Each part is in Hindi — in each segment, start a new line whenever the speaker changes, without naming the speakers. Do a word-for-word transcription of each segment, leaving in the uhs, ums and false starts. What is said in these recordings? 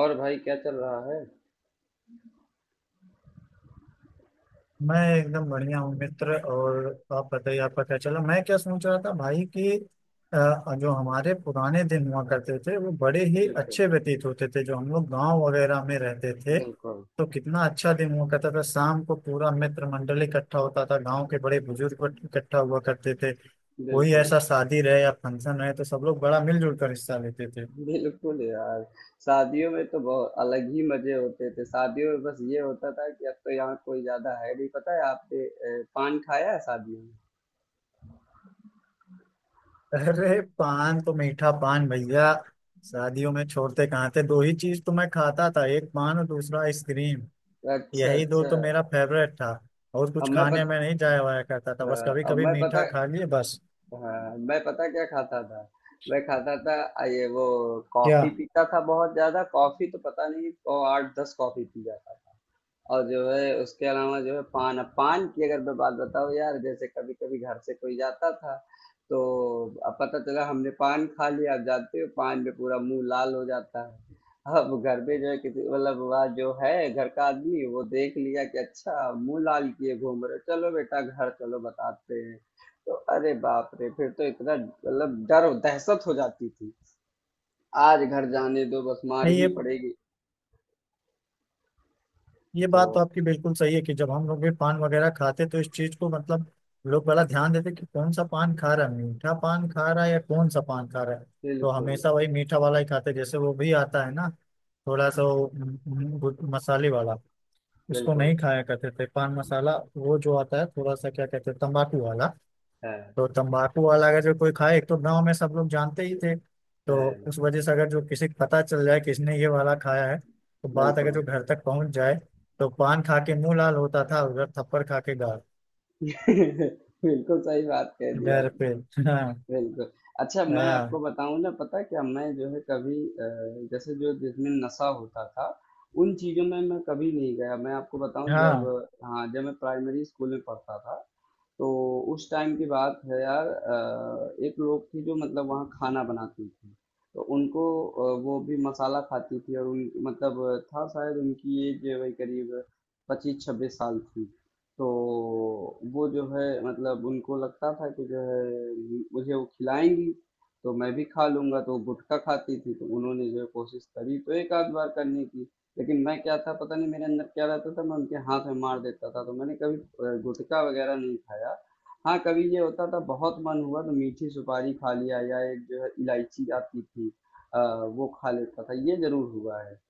और भाई क्या चल रहा है?
मैं एकदम बढ़िया हूँ मित्र। और आप बताइए आपका क्या चला। मैं क्या सोच रहा था भाई कि अ, जो हमारे पुराने दिन हुआ करते थे वो बड़े ही
बिल्कुल।
अच्छे व्यतीत होते थे, जो हम लोग गांव वगैरह में रहते थे।
बिल्कुल।
तो कितना अच्छा दिन हुआ करता था, शाम को पूरा मित्र मंडल इकट्ठा होता था, गांव के बड़े बुजुर्ग इकट्ठा हुआ करते थे। कोई
बिल्कुल।
ऐसा शादी रहे या फंक्शन रहे तो सब लोग बड़ा मिलजुल कर हिस्सा लेते थे।
बिल्कुल यार। शादियों में तो बहुत अलग ही मजे होते थे। शादियों में बस ये होता था कि अब तो यहाँ कोई ज्यादा है नहीं। पता है आपने अ, पान खाया है शादियों में?
अरे पान तो मीठा पान भैया, शादियों में छोड़ते कहाँ थे। दो ही चीज तो मैं खाता था, एक पान और दूसरा आइसक्रीम।
अच्छा,
यही दो
अच्छा।
तो मेरा फेवरेट था। और
अब
कुछ
मैं
खाने
पत,
में नहीं जाया वाया करता था,
अ,
बस कभी
अब
कभी
मैं पता
मीठा खा लिए बस।
हाँ, मैं पता क्या खाता था, मैं खाता था अ, ये वो
क्या?
कॉफी पीता था। बहुत ज्यादा कॉफी तो पता नहीं, और आठ दस कॉफी पी जाता। और जो है उसके अलावा जो है पान, अब पान की अगर मैं बात बताऊँ यार, जैसे कभी कभी घर से कोई जाता था तो अब पता चला हमने पान खा लिया। आप जानते हो पान में पूरा मुंह लाल हो जाता है। अब घर में जो है किसी, मतलब वह जो है घर का आदमी वो देख लिया कि अच्छा मुंह लाल किए घूम रहे हो, चलो बेटा घर चलो बताते हैं। तो अरे बाप रे, फिर तो इतना मतलब डर दहशत हो जाती थी आज घर जाने दो, बस मार
नहीं
ही
ये
पड़ेगी।
ये
तो
बात तो आपकी बिल्कुल सही है कि जब हम लोग भी पान वगैरह खाते तो इस चीज को मतलब लोग बड़ा ध्यान देते कि कौन सा पान खा रहा है, मीठा पान खा रहा है या कौन सा पान खा रहा है। तो
बिल्कुल,
हमेशा वही मीठा वाला ही खाते, जैसे वो भी आता है ना थोड़ा सा वो, हम्म, हम्म, मसाले वाला। इसको
बिल्कुल
नहीं खाया करते थे पान मसाला, वो जो आता है थोड़ा सा, क्या कहते हैं, तंबाकू वाला।
है
तो तंबाकू वाला अगर जो कोई खाए, एक तो गांव में सब लोग जानते ही थे। तो उस
है,
वजह से अगर जो किसी को पता चल जाए कि इसने ये वाला खाया है, तो बात अगर
बिल्कुल।
जो घर तक पहुंच जाए, तो पान खा के मुंह लाल होता था, उधर थप्पड़ खा के गाल।
बिल्कुल सही बात कह दी
डर पे
आपने।
हाँ।
बिल्कुल। अच्छा, मैं आपको
हाँ।
बताऊँ ना, पता है क्या, मैं जो है कभी अ, जैसे जो जिसमें नशा होता था, उन चीज़ों में मैं कभी नहीं गया। मैं आपको बताऊँ, जब
हाँ।
हाँ, जब मैं प्राइमरी स्कूल में पढ़ता था तो उस टाइम की बात है यार, अ, एक लोग थी जो मतलब वहाँ खाना बनाती थी, तो उनको अ, वो भी मसाला खाती थी, और उन मतलब था शायद उनकी एज वही करीब पच्चीस छब्बीस साल थी। तो वो जो है मतलब उनको लगता था कि जो है मुझे वो खिलाएंगी तो मैं भी खा लूंगा। तो वो गुटखा खाती थी, तो उन्होंने जो है कोशिश करी तो एक आध बार करने की, लेकिन मैं क्या था पता नहीं, मेरे अंदर क्या रहता था, मैं उनके हाथ में मार देता था। तो मैंने कभी अ, गुटखा वगैरह नहीं खाया। हाँ कभी ये होता था, बहुत मन हुआ तो मीठी सुपारी खा लिया, या एक जो है इलायची आती थी, अ, वो खा लेता था, ये जरूर हुआ है।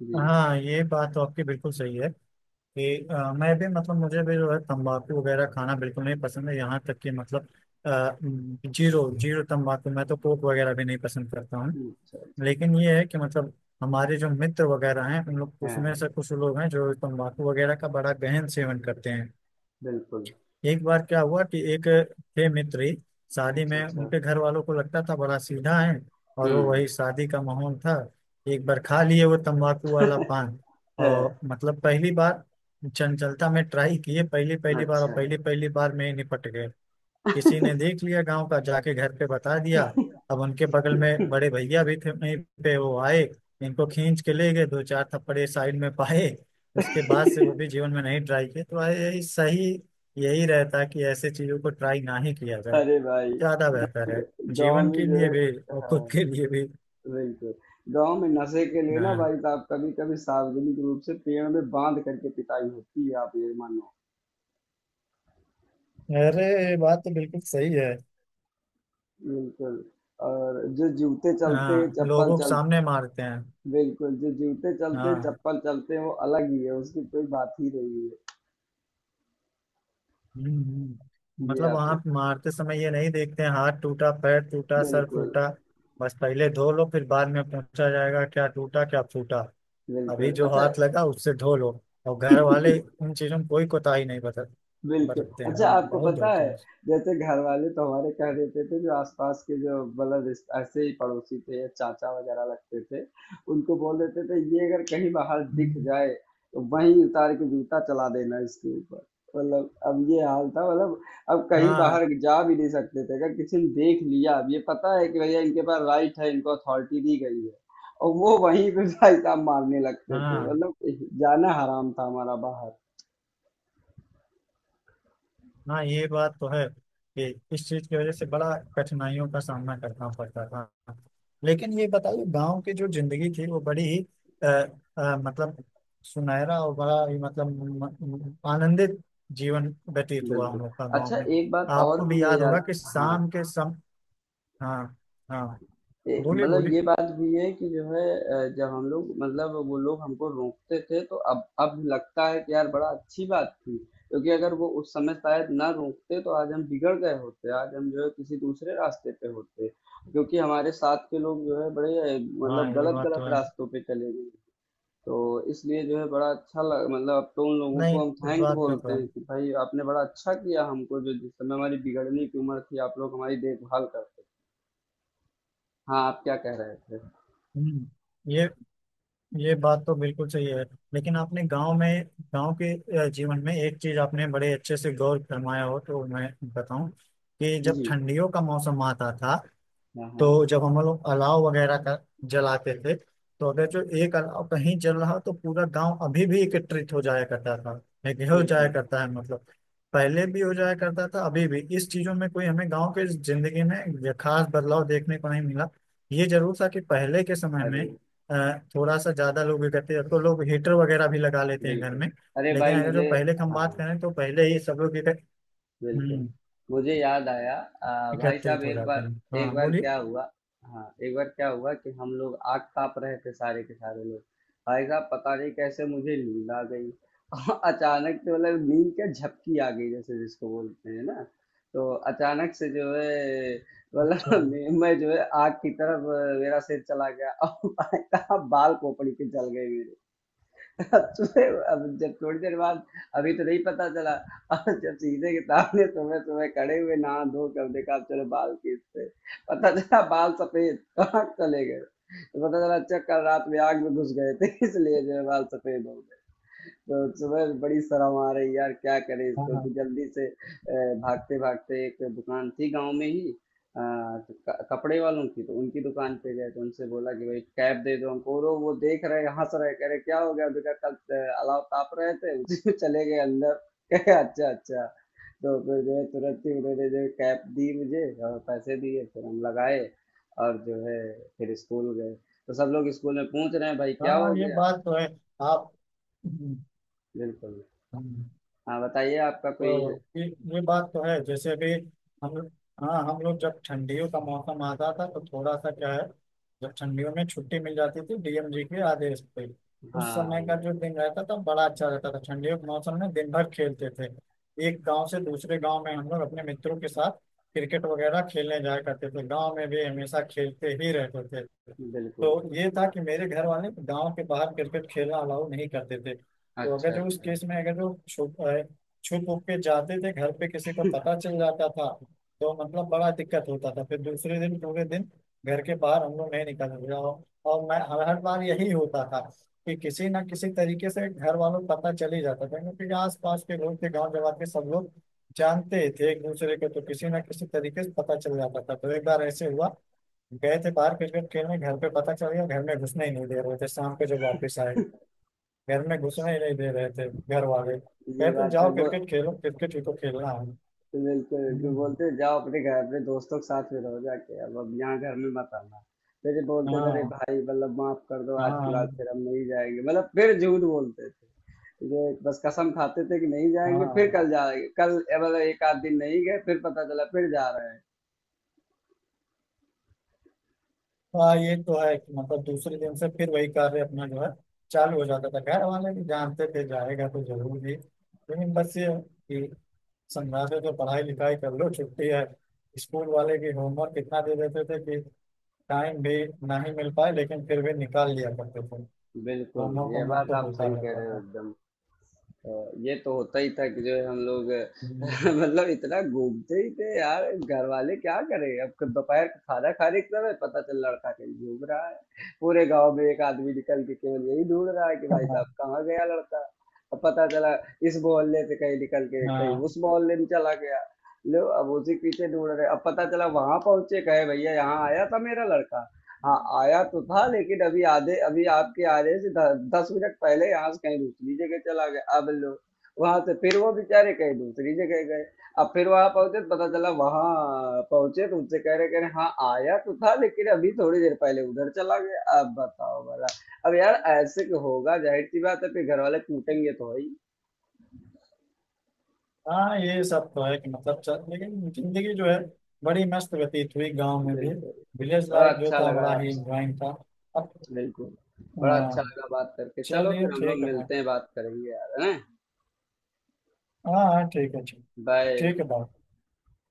जी।
हाँ ये बात तो आपकी बिल्कुल सही है कि अ, मैं भी मतलब मुझे भी जो है तंबाकू वगैरह खाना बिल्कुल नहीं पसंद है, यहाँ तक कि मतलब अ, जीरो जीरो तंबाकू, मैं तो कोक वगैरह भी नहीं पसंद करता हूँ।
हम्म, अच्छा, अच्छा।
लेकिन ये है कि मतलब हमारे जो मित्र वगैरह हैं उन लोग उसमें
हाँ,
से कुछ लोग हैं जो तंबाकू वगैरह का बड़ा गहन सेवन करते हैं।
बिल्कुल।
एक बार क्या हुआ कि एक थे मित्री, शादी
अच्छा,
में
अच्छा।
उनके घर वालों को लगता था बड़ा सीधा है। और वो
हम्म।
वही शादी का माहौल था। एक बार खा लिए वो तंबाकू वाला पान,
है।
और मतलब पहली बार, चंचलता में ट्राई किए पहली पहली बार, और
अच्छा।
पहली पहली बार में ही निपट गए। किसी ने देख लिया गांव का, जाके घर पे बता दिया। अब उनके बगल में बड़े भैया भी थे वहीं पे, वो आए, इनको खींच के ले गए, दो चार थप्पड़े साइड में पाए। उसके बाद से वो भी जीवन में नहीं ट्राई किए, तो यही सही। यही रहता है कि ऐसे चीजों को ट्राई ना ही किया जाए,
अरे भाई,
ज्यादा बेहतर है,
गांव
जीवन
में
के
जो
लिए
है,
भी और खुद
हाँ,
के लिए भी।
बिल्कुल। गाँव में नशे के लिए ना
हाँ।
भाई साहब, कभी-कभी सार्वजनिक रूप से पेड़ में बाँध करके पिटाई होती है, आप ये मानो।
अरे ये बात तो बिल्कुल सही है।
बिल्कुल। और जो जूते चलते,
हाँ
चप्पल
लोगों के
चल,
सामने मारते हैं।
बिल्कुल, जो जूते चलते,
हाँ।
चप्पल चलते, वो अलग ही है, उसकी कोई बात ही नहीं है।
हम्म, हम्म।
ये
मतलब वहां
आपसे,
मारते समय ये नहीं देखते हैं हाथ टूटा पैर टूटा सर
बिल्कुल,
टूटा, बस पहले धो लो फिर बाद में पूछा जाएगा क्या टूटा क्या फूटा। अभी
बिल्कुल।
जो
अच्छा,
हाथ लगा उससे धो लो। और घर वाले उन चीजों में कोई कोताही नहीं बरत
बिल्कुल।
बरतते हैं,
अच्छा,
हाँ
आपको
बहुत
पता
धोते
है,
हैं।
जैसे घरवाले तो हमारे कह देते थे, जो आस-पास के जो मतलब रिस ऐसे ही पड़ोसी थे, या चाचा वगैरह लगते थे, उनको बोल देते थे ये अगर कहीं बाहर दिख
हम्म।
जाए, तो वहीं उतार के जूता चला देना इसके ऊपर। मतलब अब ये हाल था, मतलब अब कहीं
हाँ।
बाहर जा भी नहीं सकते थे। अगर किसी ने देख लिया, अब ये पता है कि भैया इनके पास राइट है, इनको अथॉरिटी दी गई है, और वो वहीं पे भाई साहब मारने लगते थे।
हाँ।
मतलब जाना हराम था हमारा बाहर।
हाँ ये बात तो है कि इस चीज की वजह से बड़ा कठिनाइयों का सामना करना पड़ता था। लेकिन ये बताइए गांव की जो जिंदगी थी वो बड़ी ही अ, अ, मतलब सुनहरा, और बड़ा ही मतलब म- म- आनंदित जीवन व्यतीत हुआ हम
बिल्कुल।
लोग का गाँव
अच्छा
में।
एक बात और
आपको भी
भी है
याद
यार,
होगा कि
हाँ,
शाम के सम। हाँ। हाँ
ए,
बोलिए,
मतलब
बोलिए।
ये बात भी है कि जो है अ, जब हम लोग, मतलब वो लोग हमको रोकते थे तो अब अब लगता है कि यार बड़ा अच्छी बात थी। क्योंकि अगर वो उस समय शायद ना रोकते तो आज हम बिगड़ गए होते, आज हम जो है किसी दूसरे रास्ते पे होते। क्योंकि हमारे साथ के लोग जो है बड़े अ,
हाँ
मतलब
ये
गलत
बात
गलत
तो है।
रास्तों पे चले गए। तो इसलिए जो है बड़ा अच्छा लग, मतलब अब तो उन लोगों
नहीं
को हम
इस
थैंक
बात का
बोलते
तो
हैं
है।
कि भाई आपने बड़ा अच्छा किया, हमको जो जिस समय हमारी बिगड़ने की उम्र थी, आप लोग हमारी देखभाल करते थे। हाँ, आप क्या कह रहे थे?
हम्म, ये ये बात तो बिल्कुल सही है। लेकिन आपने गांव में, गांव के अ, जीवन में एक चीज आपने बड़े अच्छे से गौर फरमाया हो तो मैं बताऊं कि जब
जी।
ठंडियों का मौसम आता था,
हाँ, हाँ,
तो जब हम लोग अलाव वगैरह का जलाते थे, तो अगर जो एक अलाव कहीं जल रहा तो पूरा गांव अभी भी एकत्रित हो जाया करता था। एक हो जाया
बिल्कुल।
करता है मतलब, पहले भी हो जाया करता था अभी भी, इस चीजों में कोई हमें गांव के जिंदगी में ये खास बदलाव देखने को नहीं मिला। ये जरूर था कि पहले के समय में
अरे
अ, थोड़ा सा ज्यादा लोग इकट्ठे, अब तो लोग हीटर वगैरह भी लगा लेते हैं घर
बिल्कुल,
में।
अरे भाई
लेकिन अगर जो
मुझे,
पहले की हम बात
हाँ,
करें तो पहले ही सब लोग इकट्ठ-
बिल्कुल।
हम्म,
मुझे याद आया, अ, भाई साहब
एकत्रित हो
एक
जाते
बार,
हैं।
एक
हाँ
बार
बोलिए।
क्या हुआ, हाँ एक बार क्या हुआ कि हम लोग आग ताप रहे थे सारे के सारे लोग, भाई साहब पता नहीं कैसे मुझे नींद आ गई। और अचानक से, मतलब नींद क्या झपकी आ गई जैसे, जिसको बोलते हैं ना। तो अचानक से जो है मतलब
अच्छा।
मैं मैं जो है आग की तरफ, अ, मेरा सिर चला गया और भाई साहब बाल खोपड़ी पे जल गए। सुबह अब जब थोड़ी देर बाद, अभी तो नहीं पता चला, और जब सीधे के सामने सुबह सुबह खड़े हुए नहा धो कर देखा, चलो बाल खींचते पता चला बाल सफेद कहाँ चले गए। तो पता चला अच्छा कल रात में आग में घुस गए थे इसलिए जो है बाल सफेद हो गए। तो सुबह से बड़ी शर्म आ रही है यार, क्या करें इसको।
हाँ।
तो जल्दी से अ, भागते भागते एक दुकान थी गांव में ही, अ, तो क- कपड़े वालों की, तो उनकी दुकान पे गए तो उनसे बोला कि भाई कैप दे दो हमको। और वो देख रहे, हंस रहे, कह रहे क्या हो गया बेटा, कल अ, अलाव ताप रहे थे उसी में चले गए अंदर? कहे अच्छा, अच्छा। तो फिर जो है तुरंत ही उन्होंने जो है कैप दी मुझे, और पैसे दिए फिर हम लगाए, और जो है फिर स्कूल गए। तो सब लोग स्कूल में पूछ रहे हैं भाई क्या हो
हाँ ये
गया।
बात तो है। आप। हम्म।
बिल्कुल।
हम्म,
हाँ, बताइए आपका कोई।
तो ये ये बात तो है जैसे अभी हम। हाँ हम लोग जब ठंडियों का मौसम आता था तो थोड़ा सा क्या है, जब ठंडियों में छुट्टी मिल जाती थी डी एम जी के आदेश पे, उस समय
हाँ,
का जो दिन रहता था बड़ा अच्छा रहता था, ठंडियों के मौसम में दिन भर खेलते थे। एक गांव से दूसरे गांव में हम लोग अपने मित्रों के साथ क्रिकेट वगैरह खेलने जाया करते थे, गांव में भी हमेशा खेलते ही रहते थे।
बिल्कुल।
तो ये था कि मेरे घर वाले गांव के बाहर क्रिकेट खेलना अलाउ नहीं करते थे, तो अगर
अच्छा,
जो उस
अच्छा।
केस में अगर जो छुप उप के जाते थे, घर पे किसी को पता चल जाता था, तो मतलब बड़ा दिक्कत होता था। फिर दूसरे दिन पूरे दिन घर के बाहर हम लोग नहीं निकल रहे। और और मैं हर हर बार यही होता था कि किसी ना किसी तरीके से घर वालों को पता चल ही जाता था, क्योंकि आस पास के लोग थे गाँव जवाब के, सब लोग जानते ही थे एक दूसरे को, तो किसी ना किसी तरीके से पता चल जाता था। तो एक बार ऐसे हुआ, गए थे बाहर क्रिकेट खेलने, घर पे पता चल गया, घर में घुसने ही नहीं दे रहे थे शाम को जब वापस आए, घर में घुसने ही नहीं दे रहे थे घर वाले,
ये
कहते
बात है
जाओ
वो।
क्रिकेट खेलो, क्रिकेट ही तो खेलना है।
बिल्कुल, बिल्कुल,
हम्म।
बोलते हैं, जाओ अपने घर, अपने दोस्तों के साथ में रहो जाके, अब अब यहाँ घर में मत आना। फिर ये बोलते थे अरे
हाँ।
भाई मतलब माफ कर दो आज की बात,
हाँ।
फिर हम नहीं जाएंगे, मतलब फिर झूठ बोलते थे, जो बस कसम खाते थे कि नहीं जाएंगे, फिर
हाँ।
कल जाएंगे कल, ए, मतलब एक आध दिन नहीं गए, फिर पता चला फिर जा रहे हैं।
हाँ ये तो है कि मतलब दूसरे दिन से फिर वही कार्य अपना जो है चालू हो जाता था, घर वाले भी जानते थे जाएगा तो जरूर भी, लेकिन बस ये है कि समझाते थे पढ़ाई लिखाई कर लो छुट्टी है, स्कूल वाले की होमवर्क इतना दे देते थे कि टाइम भी ना ही मिल पाए, लेकिन फिर भी निकाल लिया करते थे।
बिल्कुल,
होमवर्क
ये
होमवर्क
बात
तो
आप
होता
सही कह
रहता
रहे हो
था।
एकदम। ये तो होता ही था कि जो है हम लोग
हम्म।
मतलब इतना घूमते ही थे यार, घर वाले क्या करें। अब क- दोपहर का खाना खाने की समय पता चल लड़का कहीं घूम रहा है, पूरे गांव में एक आदमी निकल के केवल यही ढूंढ रहा है कि भाई साहब कहाँ गया लड़का। अब पता चला इस मोहल्ले से कहीं निकल के कहीं
हाँ।
उस मोहल्ले में चला गया। लो, अब उसी के पीछे ढूंढ रहे, अब पता चला वहां पहुंचे, कहे भैया यहाँ आया था मेरा लड़का? हाँ आया तो था लेकिन अभी आधे, अभी आपके आने से द, दस मिनट पहले यहाँ से कहीं दूसरी जगह चला गया। अब लो, वहां से फिर वो बेचारे कहीं दूसरी जगह गए, अब फिर वहां पहुंचे तो पता चला, वहां पहुंचे तो उनसे कह रहे, कह रहे हाँ आया तो था लेकिन अभी थोड़ी देर पहले उधर चला गया। अब बताओ भला, अब यार ऐसे क्यों होगा, जाहिर सी बात है फिर घर वाले कूटेंगे तो है ही।
हाँ ये सब तो है कि मतलब चल, लेकिन जिंदगी जो है बड़ी मस्त व्यतीत हुई गांव में भी,
बिल्कुल।
विलेज
बड़ा
लाइफ जो
अच्छा
था
लगा
बड़ा ही
आपसे।
इंजॉइंग था। अब।
बिल्कुल, बड़ा अच्छा
हाँ,
लगा बात करके। चलो
चलिए
फिर हम लोग
ठीक है भाई।
मिलते हैं, बात करेंगे यार, है ना?
हाँ हाँ ठीक है ठीक।
बाय।
ठीक है, बाय।